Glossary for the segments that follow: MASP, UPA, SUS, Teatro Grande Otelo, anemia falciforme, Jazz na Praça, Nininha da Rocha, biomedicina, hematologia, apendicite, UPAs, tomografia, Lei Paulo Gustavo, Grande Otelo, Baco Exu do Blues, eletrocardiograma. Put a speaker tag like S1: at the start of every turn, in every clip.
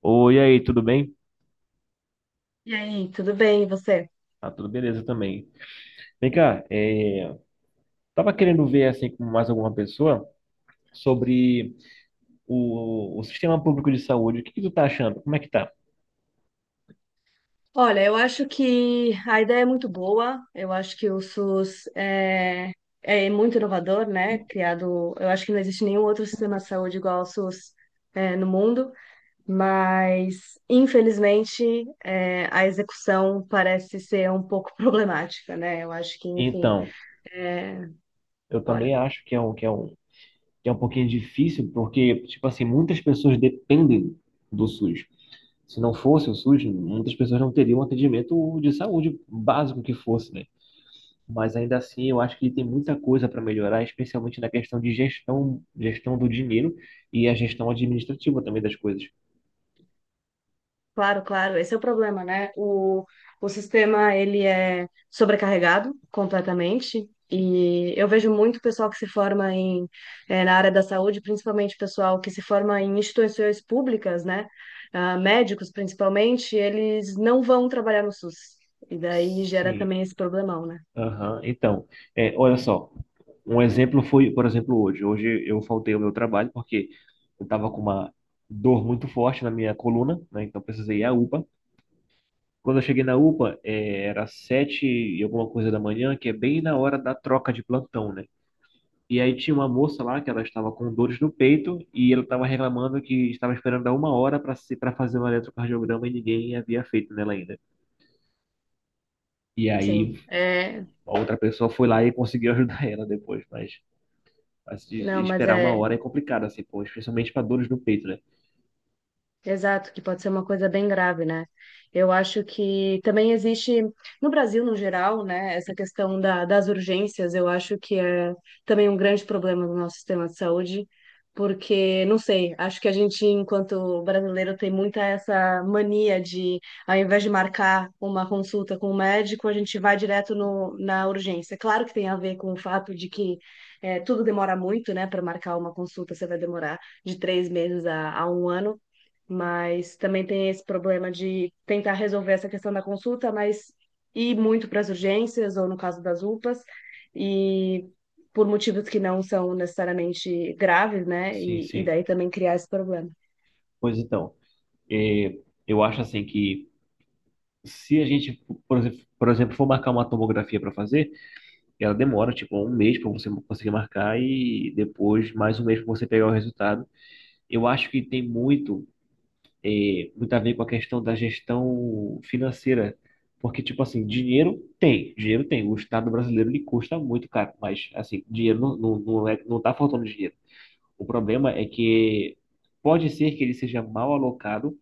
S1: Oi, e aí, tudo bem?
S2: E aí, tudo bem, e você?
S1: Ah, tudo beleza também. Vem cá, tava querendo ver assim com mais alguma pessoa sobre o sistema público de saúde. O que que tu tá achando? Como é que tá?
S2: Olha, eu acho que a ideia é muito boa, eu acho que o SUS é muito inovador, né? Criado, eu acho que não existe nenhum outro sistema de saúde igual ao SUS, no mundo, mas infelizmente a execução parece ser um pouco problemática, né? Eu acho que, enfim,
S1: Então,
S2: eh,
S1: eu
S2: bora.
S1: também acho que é que é um pouquinho difícil, porque, tipo assim, muitas pessoas dependem do SUS. Se não fosse o SUS, muitas pessoas não teriam um atendimento de saúde básico que fosse, né? Mas ainda assim eu acho que ele tem muita coisa para melhorar, especialmente na questão de gestão, gestão do dinheiro e a gestão administrativa também das coisas.
S2: Claro, claro, esse é o problema, né? O sistema, ele é sobrecarregado completamente e eu vejo muito pessoal que se forma em, na área da saúde, principalmente pessoal que se forma em instituições públicas, né? Ah, médicos, principalmente, eles não vão trabalhar no SUS. E daí gera
S1: Sim.
S2: também esse problemão, né?
S1: Aham. Então, olha só, um exemplo foi, por exemplo, hoje. Hoje eu faltei ao meu trabalho porque eu estava com uma dor muito forte na minha coluna, né? Então precisei ir à UPA. Quando eu cheguei na UPA, era sete e alguma coisa da manhã, que é bem na hora da troca de plantão, né? E aí tinha uma moça lá que ela estava com dores no peito e ela estava reclamando que estava esperando há uma hora para se, para fazer um eletrocardiograma e ninguém havia feito nela ainda. E aí
S2: Sim, é...
S1: a outra pessoa foi lá e conseguiu ajudar ela depois, mas, de
S2: Não, mas
S1: esperar uma
S2: é
S1: hora é complicado, assim, pô, especialmente para dores no peito, né?
S2: Exato, que pode ser uma coisa bem grave, né? Eu acho que também existe, no Brasil no geral, né, essa questão das urgências, eu acho que é também um grande problema do nosso sistema de saúde, porque, não sei, acho que a gente, enquanto brasileiro, tem muita essa mania de, ao invés de marcar uma consulta com o médico, a gente vai direto no, na urgência. Claro que tem a ver com o fato de que tudo demora muito, né, para marcar uma consulta, você vai demorar de 3 meses a um ano, mas também tem esse problema de tentar resolver essa questão da consulta, mas ir muito para as urgências, ou no caso das UPAs, e por motivos que não são necessariamente graves, né?
S1: Sim,
S2: E
S1: sim.
S2: daí também criar esse problema.
S1: Pois então, é, eu acho assim que se a gente, por exemplo, for marcar uma tomografia para fazer, ela demora tipo um mês para você conseguir marcar e depois mais um mês para você pegar o resultado. Eu acho que tem muito a ver com a questão da gestão financeira. Porque, tipo assim, dinheiro tem, dinheiro tem. O Estado brasileiro ele custa muito caro, mas, assim, dinheiro não é, não tá faltando dinheiro. O problema é que pode ser que ele seja mal alocado,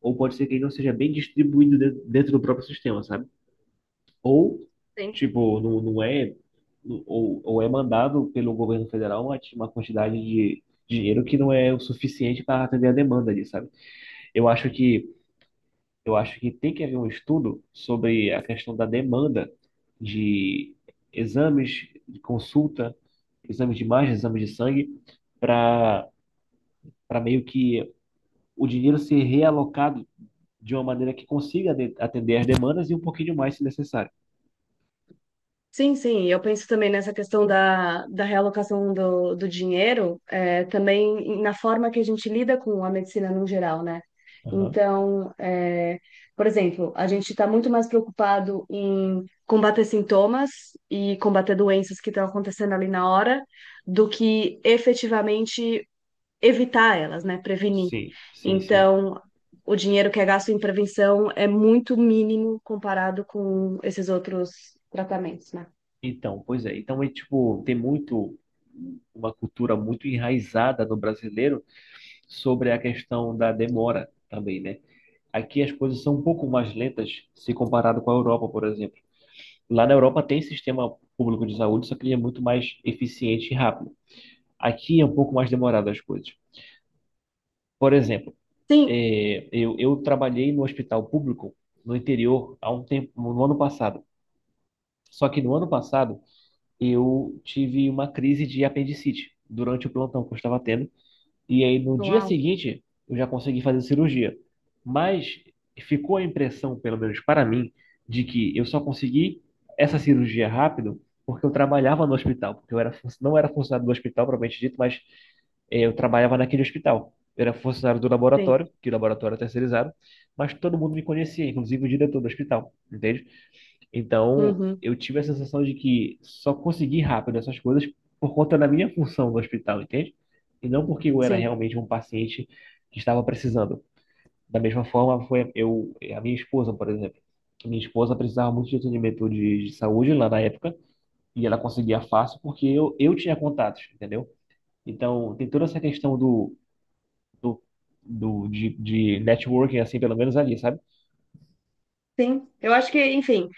S1: ou pode ser que ele não seja bem distribuído dentro do próprio sistema, sabe? Ou,
S2: Tem.
S1: tipo, não, não é, ou é mandado pelo governo federal uma quantidade de dinheiro que não é o suficiente para atender a demanda ali, sabe? Eu acho que eu acho que tem que haver um estudo sobre a questão da demanda de exames de consulta, exames de imagem, exames de sangue, para para meio que o dinheiro ser realocado de uma maneira que consiga atender as demandas e um pouquinho mais se necessário.
S2: Sim, sim, eu penso também nessa questão da realocação do dinheiro, é, também na forma que a gente lida com a medicina no geral, né?
S1: Aham.
S2: Então, é, por exemplo, a gente está muito mais preocupado em combater sintomas e combater doenças que estão acontecendo ali na hora, do que efetivamente evitar elas, né? Prevenir.
S1: Sim, sim, sim.
S2: Então, o dinheiro que é gasto em prevenção é muito mínimo comparado com esses outros tratamentos, né?
S1: Então, pois é. Então é tipo, tem muito uma cultura muito enraizada no brasileiro sobre a questão da demora também, né? Aqui as coisas são um pouco mais lentas se comparado com a Europa, por exemplo. Lá na Europa tem sistema público de saúde, só que ele é muito mais eficiente e rápido. Aqui é um pouco mais demorado as coisas. Por exemplo,
S2: Sim,
S1: eu trabalhei no hospital público no interior há um tempo, no ano passado. Só que no ano passado eu tive uma crise de apendicite durante o plantão que eu estava tendo. E aí no dia
S2: uau,
S1: seguinte eu já consegui fazer cirurgia. Mas ficou a impressão, pelo menos para mim, de que eu só consegui essa cirurgia rápido porque eu trabalhava no hospital, porque eu era, não era funcionário do hospital, propriamente dito, mas eu trabalhava naquele hospital. Eu era funcionário do
S2: sim,
S1: laboratório, que o laboratório é terceirizado, mas todo mundo me conhecia, inclusive o diretor do hospital, entende? Então,
S2: uhum,
S1: eu tive a sensação de que só consegui rápido essas coisas por conta da minha função no hospital, entende? E não porque eu era
S2: sim,
S1: realmente um paciente que estava precisando. Da mesma forma, foi eu, a minha esposa, por exemplo. A minha esposa precisava muito de atendimento de saúde lá na época, e ela conseguia fácil porque eu tinha contatos, entendeu? Então, tem toda essa questão do, do de networking, assim, pelo menos ali, sabe?
S2: sim. Eu acho que, enfim,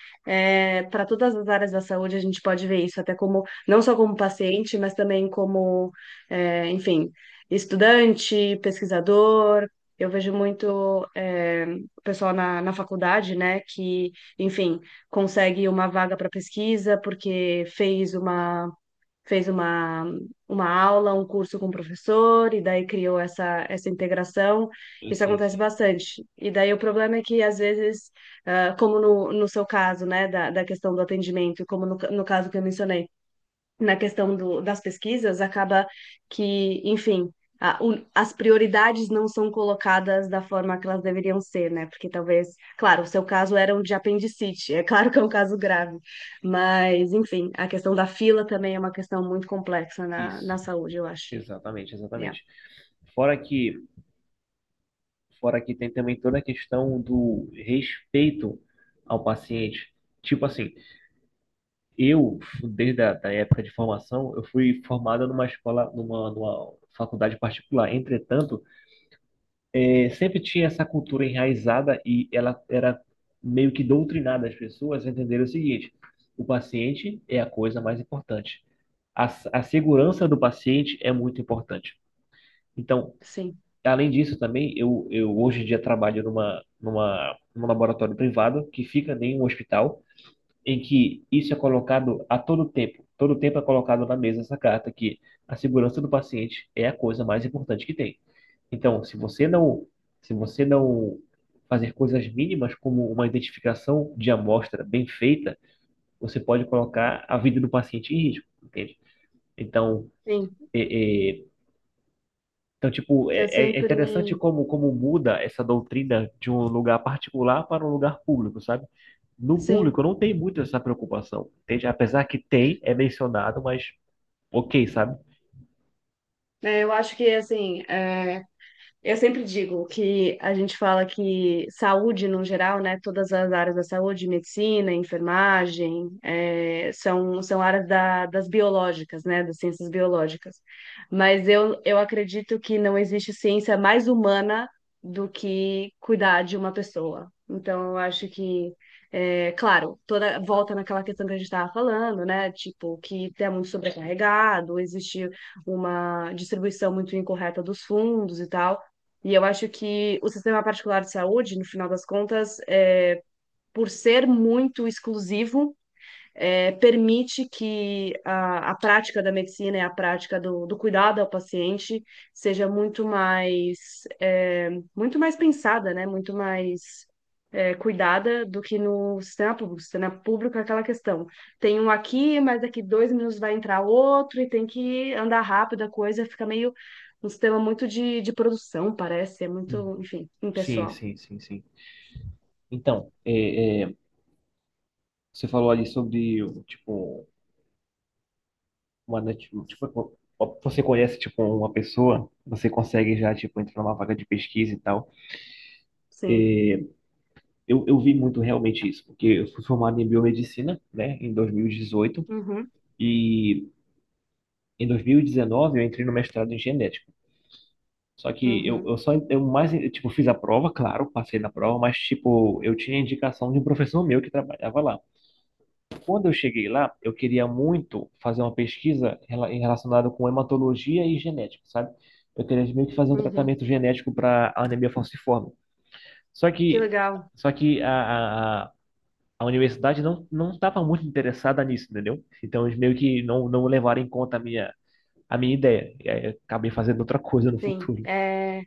S2: para todas as áreas da saúde a gente pode ver isso, até como, não só como paciente, mas também como, é, enfim, estudante, pesquisador. Eu vejo muito, é, o pessoal na faculdade, né, que, enfim, consegue uma vaga para pesquisa porque fez uma aula, um curso com o professor, e daí criou essa integração. Isso
S1: Sim,
S2: acontece
S1: sim.
S2: bastante. E daí o problema é que, às vezes, ah, como no seu caso, né, da questão do atendimento, como no caso que eu mencionei, na questão do, das pesquisas, acaba que, enfim, a- o- as prioridades não são colocadas da forma que elas deveriam ser, né? Porque talvez, claro, o seu caso era um de apendicite, é claro que é um caso grave, mas, enfim, a questão da fila também é uma questão muito complexa
S1: Isso.
S2: na saúde, eu acho.
S1: Exatamente,
S2: Yeah.
S1: exatamente. Fora que Fora que tem também toda a questão do respeito ao paciente. Tipo assim, eu, desde a da época de formação, eu fui formado numa escola, numa faculdade particular. Entretanto, sempre tinha essa cultura enraizada e ela era meio que doutrinada as pessoas a entenderem o seguinte: o paciente é a coisa mais importante. A, a segurança do paciente é muito importante. Então,
S2: Sim,
S1: além disso, também, eu hoje em dia trabalho num laboratório privado que fica em um hospital, em que isso é colocado a todo tempo. Todo tempo é colocado na mesa essa carta que a segurança do paciente é a coisa mais importante que tem. Então, se você não fazer coisas mínimas como uma identificação de amostra bem feita, você pode colocar a vida do paciente em risco, entende? Então,
S2: sim,
S1: é, é, então, tipo, é,
S2: eu
S1: é
S2: sempre,
S1: interessante como muda essa doutrina de um lugar particular para um lugar público, sabe? No público
S2: sim.
S1: não tem muito essa preocupação, entende? Apesar que tem, é mencionado, mas ok, sabe?
S2: Eu acho que, assim, é, eu sempre digo que a gente fala que saúde, no geral, né, todas as áreas da saúde, medicina, enfermagem, são, são áreas da- das biológicas, né, das ciências biológicas. Mas eu acredito que não existe ciência mais humana do que cuidar de uma pessoa. Então, eu acho que, claro, toda volta naquela questão que a gente estava falando, né, tipo, que tem muito sobrecarregado, existe uma distribuição muito incorreta dos fundos e tal. E eu acho que o sistema particular de saúde, no final das contas, é, por ser muito exclusivo, é, permite que a prática da medicina e a prática do cuidado ao paciente seja muito mais, é, muito mais pensada, né? Muito mais é, cuidada do que no sistema público. O sistema público é aquela questão. Tem um aqui, mas daqui 2 minutos vai entrar outro e tem que andar rápido a coisa, fica meio um sistema muito de produção, parece, é muito,
S1: Uhum.
S2: enfim,
S1: Sim,
S2: impessoal.
S1: sim, sim, sim. Então, é, é, você falou ali sobre, tipo, tipo, você conhece, tipo, uma pessoa, você consegue já, tipo, entrar numa vaga de pesquisa e tal.
S2: Sim.
S1: Eu vi muito realmente isso, porque eu fui formado em biomedicina, né, em 2018.
S2: Uhum,
S1: Em 2019, eu entrei no mestrado em genética. Só que
S2: uhum,
S1: eu só, eu mais, eu, tipo, fiz a prova, claro, passei na prova, mas, tipo, eu tinha indicação de um professor meu que trabalhava lá. Quando eu cheguei lá, eu queria muito fazer uma pesquisa relacionada com hematologia e genética, sabe? Eu queria meio que fazer um
S2: uhum.
S1: tratamento genético para a anemia falciforme. Só
S2: Que
S1: que,
S2: legal.
S1: só que a universidade não estava muito interessada nisso, entendeu? Então, eles meio que não levaram em conta a minha ideia. E aí eu acabei fazendo outra coisa no
S2: Sim.
S1: futuro.
S2: É,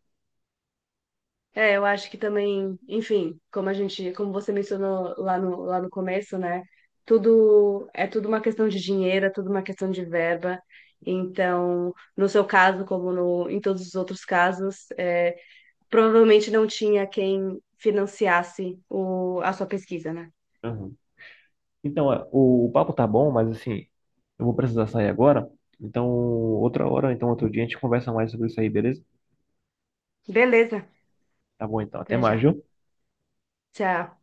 S2: é, eu acho que também, enfim, como a gente, como você mencionou lá no começo, né? Tudo é tudo uma questão de dinheiro, é tudo uma questão de verba. Então, no seu caso, como no, em todos os outros casos, é, provavelmente não tinha quem financiasse a sua pesquisa, né?
S1: Uhum. Então, o papo tá bom, mas assim, eu vou precisar sair agora. Então, outra hora, então outro dia a gente conversa mais sobre isso aí, beleza?
S2: Beleza,
S1: Tá bom, então. Até
S2: até
S1: mais,
S2: já.
S1: viu?
S2: Tchau.